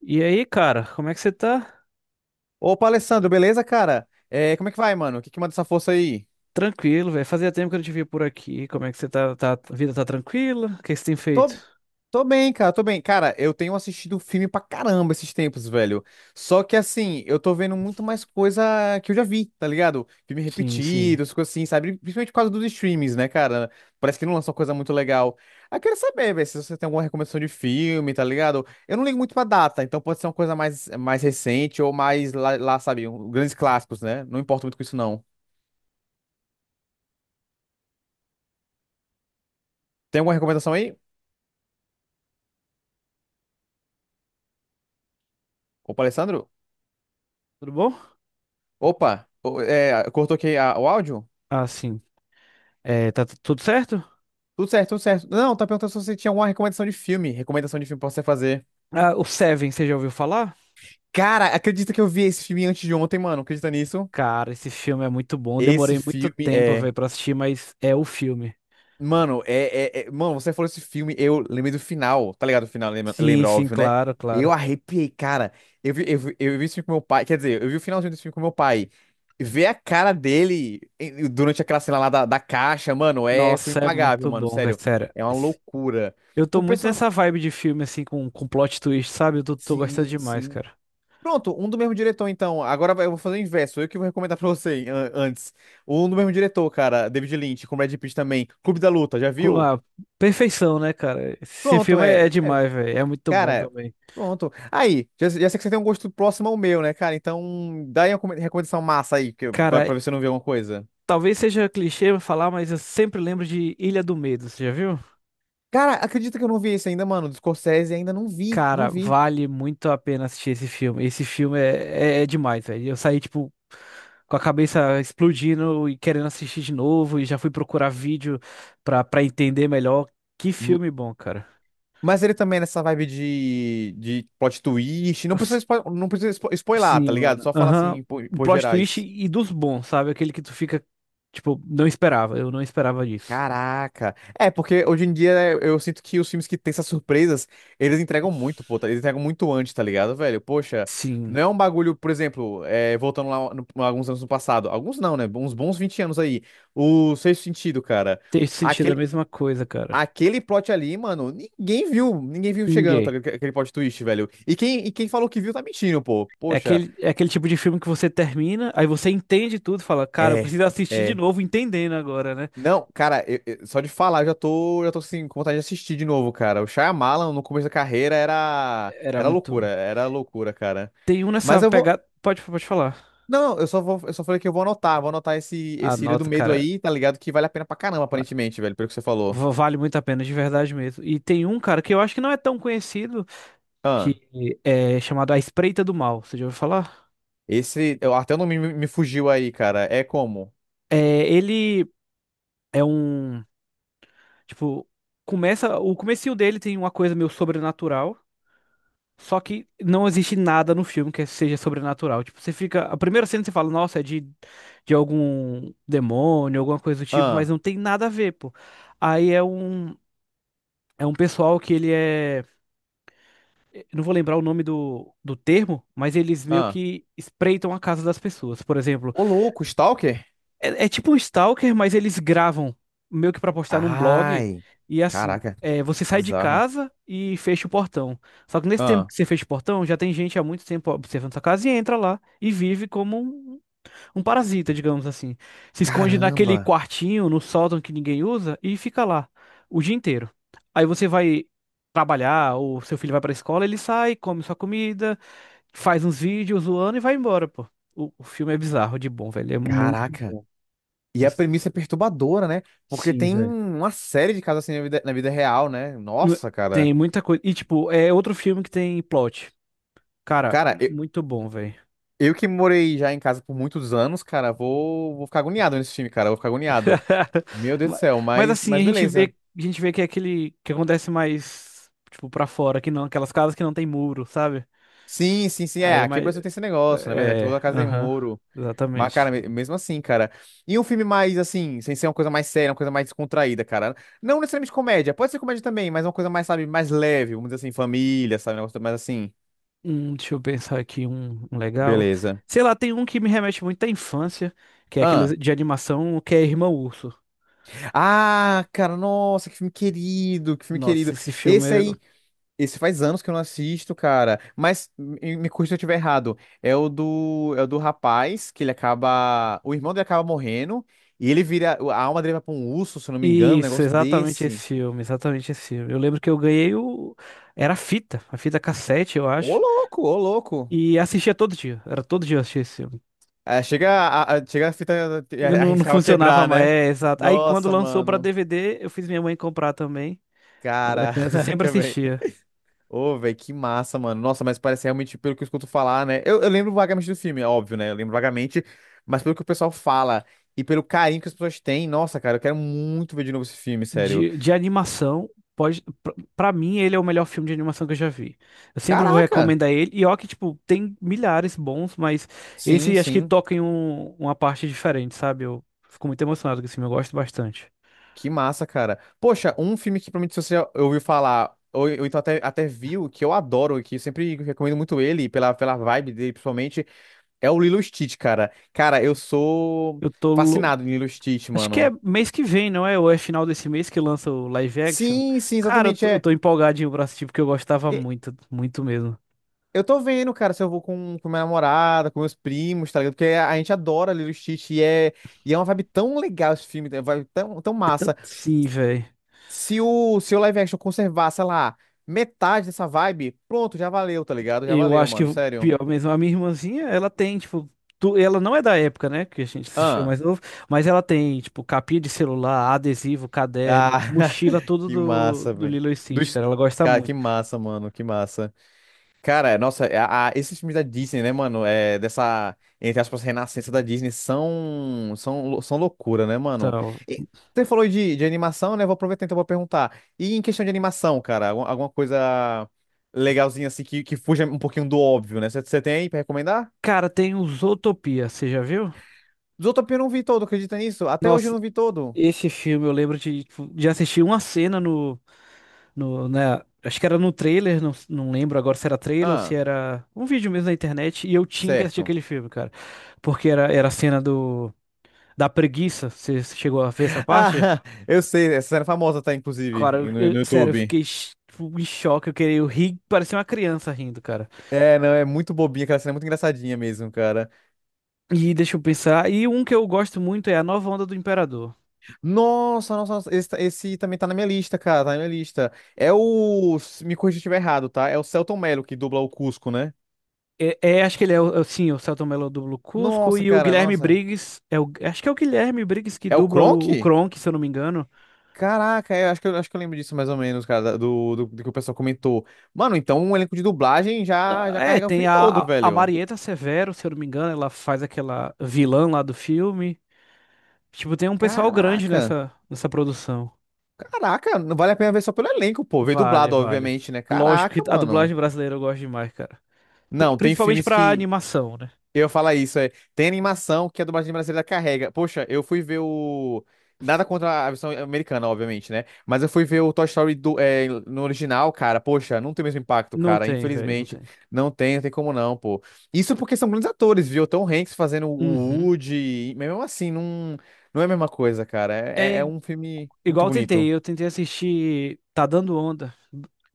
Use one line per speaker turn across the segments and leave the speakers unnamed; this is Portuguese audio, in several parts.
E aí, cara, como é que você tá?
Opa, Alessandro, beleza, cara? É, como é que vai, mano? O que que manda essa força aí?
Tranquilo, velho. Fazia tempo que eu não te via por aqui. Como é que você tá? A vida tá tranquila? O que que você tem feito?
Tô, tô bem, cara, tô bem. Cara, eu tenho assistido filme pra caramba esses tempos, velho. Só que, assim, eu tô vendo muito mais coisa que eu já vi, tá ligado? Filme
Sim, sim.
repetido, essas coisas assim, sabe? Principalmente por causa dos streams, né, cara? Parece que não lançou coisa muito legal. Aí eu quero saber, velho, se você tem alguma recomendação de filme, tá ligado? Eu não ligo muito pra data, então pode ser uma coisa mais, mais recente ou mais lá, sabe, grandes clássicos, né? Não importa muito com isso, não. Tem alguma recomendação aí? Opa, Alessandro?
Tudo bom?
Opa, é, cortou aqui o áudio?
Ah, sim. É, tudo certo?
Tudo certo, tudo certo. Não, tá perguntando se você tinha alguma recomendação de filme. Recomendação de filme pra você fazer.
Ah, o Seven, você já ouviu falar?
Cara, acredita que eu vi esse filme antes de ontem, mano? Acredita nisso?
Cara, esse filme é muito bom.
Esse
Demorei muito
filme
tempo,
é.
velho, pra assistir, mas é o filme.
Mano, Mano, você falou esse filme, eu lembrei do final, tá ligado? O final lembra,
Sim,
lembra,
sim,
óbvio, né?
claro,
Eu
claro.
arrepiei, cara. Eu vi esse filme com meu pai. Quer dizer, eu vi o finalzinho desse filme com meu pai. Ver a cara dele durante aquela cena lá da caixa, mano, é. Foi
Nossa, é
impagável,
muito
mano,
bom, velho,
sério.
sério.
É uma loucura.
Eu tô
O
muito
pessoal.
nessa vibe de filme, assim, com plot twist, sabe? Tô gostando
Sim,
demais,
sim.
cara.
Pronto, um do mesmo diretor, então. Eu vou fazer o inverso. Eu que vou recomendar pra você antes. Um do mesmo diretor, cara. David Lynch, com Brad Pitt também. Clube da Luta, já viu?
Ah, perfeição, né, cara? Esse
Pronto,
filme
é.
é
É,
demais, velho. É muito bom
Cara,
também.
pronto. Aí, já sei que você tem um gosto próximo ao meu, né, cara? Então, dá aí uma recomendação massa aí, que, pra,
Cara,
pra ver se eu não vi alguma coisa.
talvez seja clichê falar, mas eu sempre lembro de Ilha do Medo, você já viu?
Cara, acredita que eu não vi esse ainda, mano. Do Scorsese ainda não vi, não
Cara,
vi.
vale muito a pena assistir esse filme. Esse filme é demais, velho. Eu saí, tipo, com a cabeça explodindo e querendo assistir de novo, e já fui procurar vídeo pra entender melhor. Que filme bom, cara.
Mas ele também é nessa vibe de plot twist. Não precisa, não precisa spoilar, tá
Sim,
ligado?
mano.
Só fala
Aham.
assim, por,
Um
por
plot twist
gerais.
e dos bons, sabe? Aquele que tu fica, tipo, não esperava. Eu não esperava disso.
Caraca. É, porque hoje em dia é, eu sinto que os filmes que têm essas surpresas, eles entregam muito, pô. Eles entregam muito antes, tá ligado, velho? Poxa,
Sim.
não é um bagulho, por exemplo, é, voltando lá alguns anos no passado. Alguns não, né? Uns bons 20 anos aí. O Sexto Sentido, cara.
Ter sentido é a mesma coisa, cara.
Aquele plot ali, mano, ninguém viu chegando, tá,
Ninguém.
ligado? Aquele plot twist, velho. E quem falou que viu tá mentindo, pô. Poxa,
É aquele tipo de filme que você termina, aí você entende tudo, fala, cara, eu
é,
preciso assistir de
é.
novo, entendendo agora, né?
Não, cara, só de falar eu já tô assim, com vontade de assistir de novo, cara. O Shyamalan no começo da carreira era,
Era
era
muito.
loucura, era loucura, cara.
Tem um nessa
Mas eu vou,
pegada. Pode falar.
não, não, eu só vou, eu só falei que eu vou anotar esse,
A
esse Ilha do
nota,
Medo
cara.
aí, tá ligado? Que vale a pena pra caramba,
va-
aparentemente, velho, pelo que você falou.
Vale muito a pena, de verdade mesmo. E tem um, cara, que eu acho que não é tão conhecido,
Ah,
que é chamado A Espreita do Mal. Você já ouviu falar?
esse, até o nome me fugiu aí, cara. É como?
É, ele. É um, tipo, começa, o comecinho dele tem uma coisa meio sobrenatural, só que não existe nada no filme que seja sobrenatural. Tipo, você fica, a primeira cena você fala, nossa, de algum demônio, alguma coisa do tipo, mas
Ah.
não tem nada a ver, pô. Aí é um, é um pessoal que ele é, eu não vou lembrar o nome do termo, mas eles meio
Ah.
que espreitam a casa das pessoas. Por exemplo,
Ô, louco, Stalker?
é, é tipo um stalker, mas eles gravam meio que pra postar num blog.
Ai,
E assim,
caraca,
é, você sai de
bizarro.
casa e fecha o portão. Só que nesse tempo
Ah,
que você fecha o portão, já tem gente há muito tempo observando sua casa e entra lá e vive como um parasita, digamos assim. Se esconde naquele
caramba,
quartinho, no sótão que ninguém usa e fica lá o dia inteiro. Aí você vai trabalhar, ou seu filho vai pra escola, ele sai, come sua comida, faz uns vídeos zoando e vai embora, pô. O filme é bizarro de bom, velho. É muito
caraca.
bom.
E a premissa é perturbadora, né? Porque
Sim,
tem
velho.
uma série de casos assim na vida real, né?
Não-
Nossa, cara.
Tem muita coisa. E, tipo, é outro filme que tem plot. Cara,
Cara,
muito bom, velho.
eu que morei já em casa por muitos anos, cara, vou ficar agoniado nesse time, cara. Vou ficar agoniado. Meu Deus do
Ma-
céu,
Mas
mas,
assim,
mas beleza.
a gente vê que é aquele que acontece mais, tipo, pra fora, que não, aquelas casas que não tem muro, sabe?
Sim, sim, sim. É,
Aí é
aqui no
mais.
Brasil tem esse negócio, na verdade.
É,
Toda casa tem
aham,
muro. Mas, cara,
exatamente.
mesmo assim, cara. E um filme mais, assim, sem ser uma coisa mais séria, uma coisa mais descontraída, cara. Não necessariamente comédia, pode ser comédia também, mas uma coisa mais, sabe, mais leve, vamos dizer assim, família, sabe, um negócio mais assim.
Deixa eu pensar aqui um legal.
Beleza.
Sei lá, tem um que me remete muito à infância, que é aquele
Ah.
de animação que é Irmão Urso.
Ah, cara, nossa, que filme querido, que filme
Nossa,
querido.
esse filme
Esse
é.
aí, esse faz anos que eu não assisto, cara. Mas me corrija se eu estiver errado. É o do rapaz que ele acaba, o irmão dele acaba morrendo e ele vira, a alma dele vai pra um urso, se eu não me engano, um
Isso,
negócio
exatamente esse
desse.
filme, exatamente esse filme. Eu lembro que eu ganhei o. Era a fita cassete, eu
Ô
acho.
louco, ô louco.
E assistia todo dia. Era todo dia eu assistia esse filme.
É, chega a fita e
Eu
a
Não, não
arriscava
funcionava
quebrar,
mais.
né?
É, exato. Aí quando
Nossa,
lançou pra
mano.
DVD, eu fiz minha mãe comprar também. Quando era criança, eu sempre
Caraca, velho.
assistia.
Ô, velho, que massa, mano. Nossa, mas parece realmente, pelo que eu escuto falar, né? Eu lembro vagamente do filme, é óbvio, né? Eu lembro vagamente, mas pelo que o pessoal fala e pelo carinho que as pessoas têm, nossa, cara, eu quero muito ver de novo esse filme, sério.
De animação, pode. Pra mim, ele é o melhor filme de animação que eu já vi. Eu sempre vou
Caraca!
recomendar ele. E ó, que, tipo, tem milhares bons, mas
Sim,
esse acho que
sim.
toca em uma parte diferente, sabe? Eu fico muito emocionado com esse filme, eu gosto bastante.
Que massa, cara. Poxa, um filme que provavelmente você já ouviu falar, ou então até, até viu, que eu adoro, que eu sempre recomendo muito ele, pela vibe dele principalmente, é o Lilo e Stitch, cara. Cara, eu sou
Eu tô.
fascinado em Lilo e Stitch,
Acho que é
mano.
mês que vem, não é? Ou é final desse mês que lança o live action?
Sim, sim,
Cara,
exatamente,
eu
é.
tô empolgadinho pra assistir porque eu gostava
E
muito, muito mesmo.
Eu tô vendo, cara, se eu vou com minha namorada, com meus primos, tá ligado? Porque a gente adora Lilo e Stitch e é uma vibe tão legal esse filme, é uma vibe tão massa.
Sim, velho.
Se o live action conservar, sei lá, metade dessa vibe, pronto, já valeu, tá ligado? Já
Eu
valeu,
acho que
mano,
o
sério.
pior mesmo. A minha irmãzinha, ela tem, tipo. Ela não é da época, né? Que a gente assistia
Ah,
mais novo. Mas ela tem, tipo, capinha de celular, adesivo,
ah
caderno, mochila, tudo
que massa,
do
velho.
Lilo e Stitch,
Dos...
cara. Ela gosta
Cara, que
muito.
massa, mano, que massa. Cara, nossa, esses filmes da Disney, né, mano, é, dessa, entre aspas, renascença da Disney são, são, são loucura, né, mano?
Então.
E você falou de animação, né, vou aproveitar então pra perguntar. E em questão de animação, cara, alguma coisa legalzinha assim que fuja um pouquinho do óbvio, né? Você tem aí pra recomendar?
Cara, tem o Zootopia, você já viu?
Zootopia eu não vi todo, acredita nisso? Até hoje eu
Nossa,
não vi todo.
esse filme eu lembro de, tipo, de assistir uma cena no. No, né, acho que era no trailer, não lembro agora se era trailer ou se
Ah,
era um vídeo mesmo na internet, e eu tinha que assistir
certo.
aquele filme, cara. Porque era a cena do, da preguiça, você chegou a ver essa parte?
Ah, eu sei, essa cena é famosa tá, inclusive,
Cara,
no, no
sério, eu
YouTube.
fiquei tipo, em choque, eu queria, eu ri, parecia uma criança rindo, cara.
É, não, é muito bobinha, aquela cena é muito engraçadinha mesmo, cara.
E deixa eu pensar, e um que eu gosto muito é A Nova Onda do Imperador.
Nossa, esse, tá, esse também tá na minha lista, cara, tá na minha lista. É o, me corrija se eu estiver errado, tá? É o Celton Mello que dubla o Cusco, né?
Acho que ele é, o, sim, o Selton Mello dubla o Cusco
Nossa,
e o
cara,
Guilherme
nossa.
Briggs, é o, acho que é o Guilherme Briggs que
É o
dubla o
Kronk?
Kronk, se eu não me engano.
Caraca, eu acho que eu, acho que eu lembro disso mais ou menos, cara, do que o pessoal comentou. Mano, então o elenco de dublagem já
É,
carrega o
tem
filme todo,
a
velho.
Marieta Severo, se eu não me engano, ela faz aquela vilã lá do filme. Tipo, tem um pessoal grande
Caraca.
nessa produção.
Caraca, não vale a pena ver só pelo elenco, pô. Veio
Vale,
dublado,
vale.
obviamente, né?
Lógico que
Caraca,
a
mano.
dublagem brasileira eu gosto demais, cara.
Não, tem
Principalmente
filmes
pra
que.
animação, né?
Eu falo isso, é. Tem animação que a dublagem brasileira carrega. Poxa, eu fui ver o. Nada contra a versão americana, obviamente, né? Mas eu fui ver o Toy Story do, é, no original, cara. Poxa, não tem o mesmo impacto,
Não
cara.
tem, velho, não
Infelizmente.
tem.
Não tem, não tem como não, pô. Isso porque são grandes atores, viu? Tom Hanks fazendo o
Uhum.
Woody. Mas mesmo assim, não, não é a mesma coisa, cara.
É
É
i-
um filme muito
Igual
bonito.
eu tentei assistir Tá Dando Onda,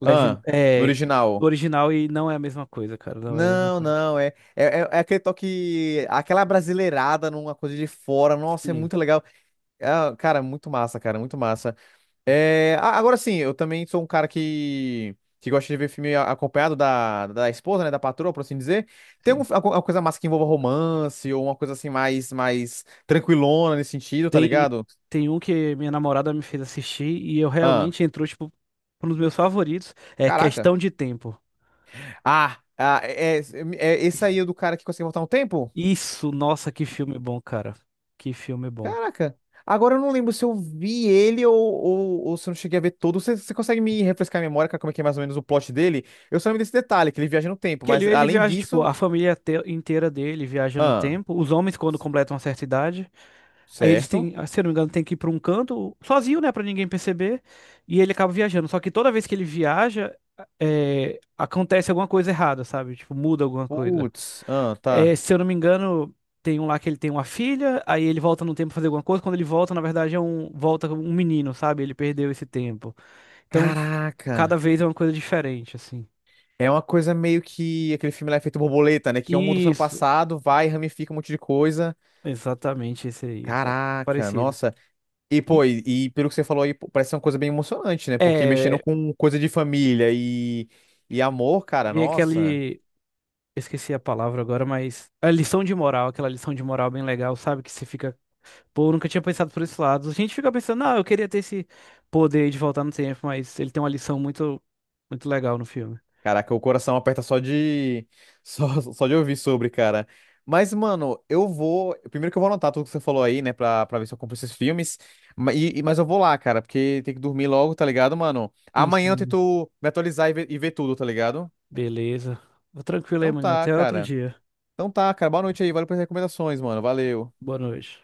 legend,
Ah, no
é, do
original.
original e não é a mesma coisa, cara, não é a mesma
Não,
coisa.
não, é é aquele toque, aquela brasileirada numa coisa de fora. Nossa, é
Sim,
muito legal. Ah, cara, muito massa, cara, muito massa. É, agora sim, eu também sou um cara que gosta de ver filme acompanhado da esposa, né, da patroa, por assim dizer. Tem
sim.
alguma coisa massa que envolva romance ou uma coisa assim mais, mais tranquilona nesse sentido, tá
Tem,
ligado?
tem um que minha namorada me fez assistir e eu
Ah,
realmente entrou, tipo, um dos meus favoritos. É
caraca.
Questão de Tempo.
Ah, é esse aí é do cara que consegue voltar no tempo?
Isso, nossa, que filme bom, cara. Que filme bom.
Caraca. Agora eu não lembro se eu vi ele ou se eu não cheguei a ver todo. Você consegue me refrescar a memória, cara, como é que é mais ou menos o plot dele? Eu só lembro desse detalhe, que ele viaja no tempo,
Que
mas
ele
além
viaja, tipo,
disso.
a família inteira dele viaja no
Ah,
tempo. Os homens, quando completam uma certa idade, aí eles têm,
certo.
ah, se eu não me engano, tem que ir pra um canto, sozinho, né, pra ninguém perceber. E ele acaba viajando. Só que toda vez que ele viaja, é, acontece alguma coisa errada, sabe? Tipo, muda alguma coisa.
Putz, ah,
É,
tá.
se eu não me engano, tem um lá que ele tem uma filha, aí ele volta no tempo pra fazer alguma coisa. Quando ele volta, na verdade, é um, volta um menino, sabe? Ele perdeu esse tempo. Então,
Caraca.
cada vez é uma coisa diferente, assim.
É uma coisa meio que aquele filme lá é feito borboleta, né? Que um muda o ano
Isso,
passado, vai, ramifica um monte de coisa.
exatamente esse aí, cara.
Caraca,
Parecido.
nossa. E, pô,
E,
e, e pelo que você falou aí, pô, parece ser uma coisa bem emocionante, né? Porque mexendo
é,
com coisa de família e amor, cara,
vem
nossa.
aquele. Eu Esqueci a palavra agora, mas a lição de moral, aquela lição de moral bem legal, sabe? Que você fica, pô, eu nunca tinha pensado por esse lado. A gente fica pensando, ah, eu queria ter esse poder de voltar no tempo, mas ele tem uma lição muito, muito legal no filme.
Caraca, o coração aperta só de só de ouvir sobre, cara. Mas, mano, eu vou. Primeiro que eu vou anotar tudo que você falou aí, né? Pra ver se eu compro esses filmes. Mas eu vou lá, cara, porque tem que dormir logo, tá ligado, mano?
Sim,
Amanhã eu
sim.
tento me atualizar e ver tudo, tá ligado?
Beleza. Vou tranquilo aí,
Então
maninho.
tá,
Até outro
cara.
dia.
Então tá, cara. Boa noite aí. Valeu pelas recomendações, mano. Valeu.
Boa noite.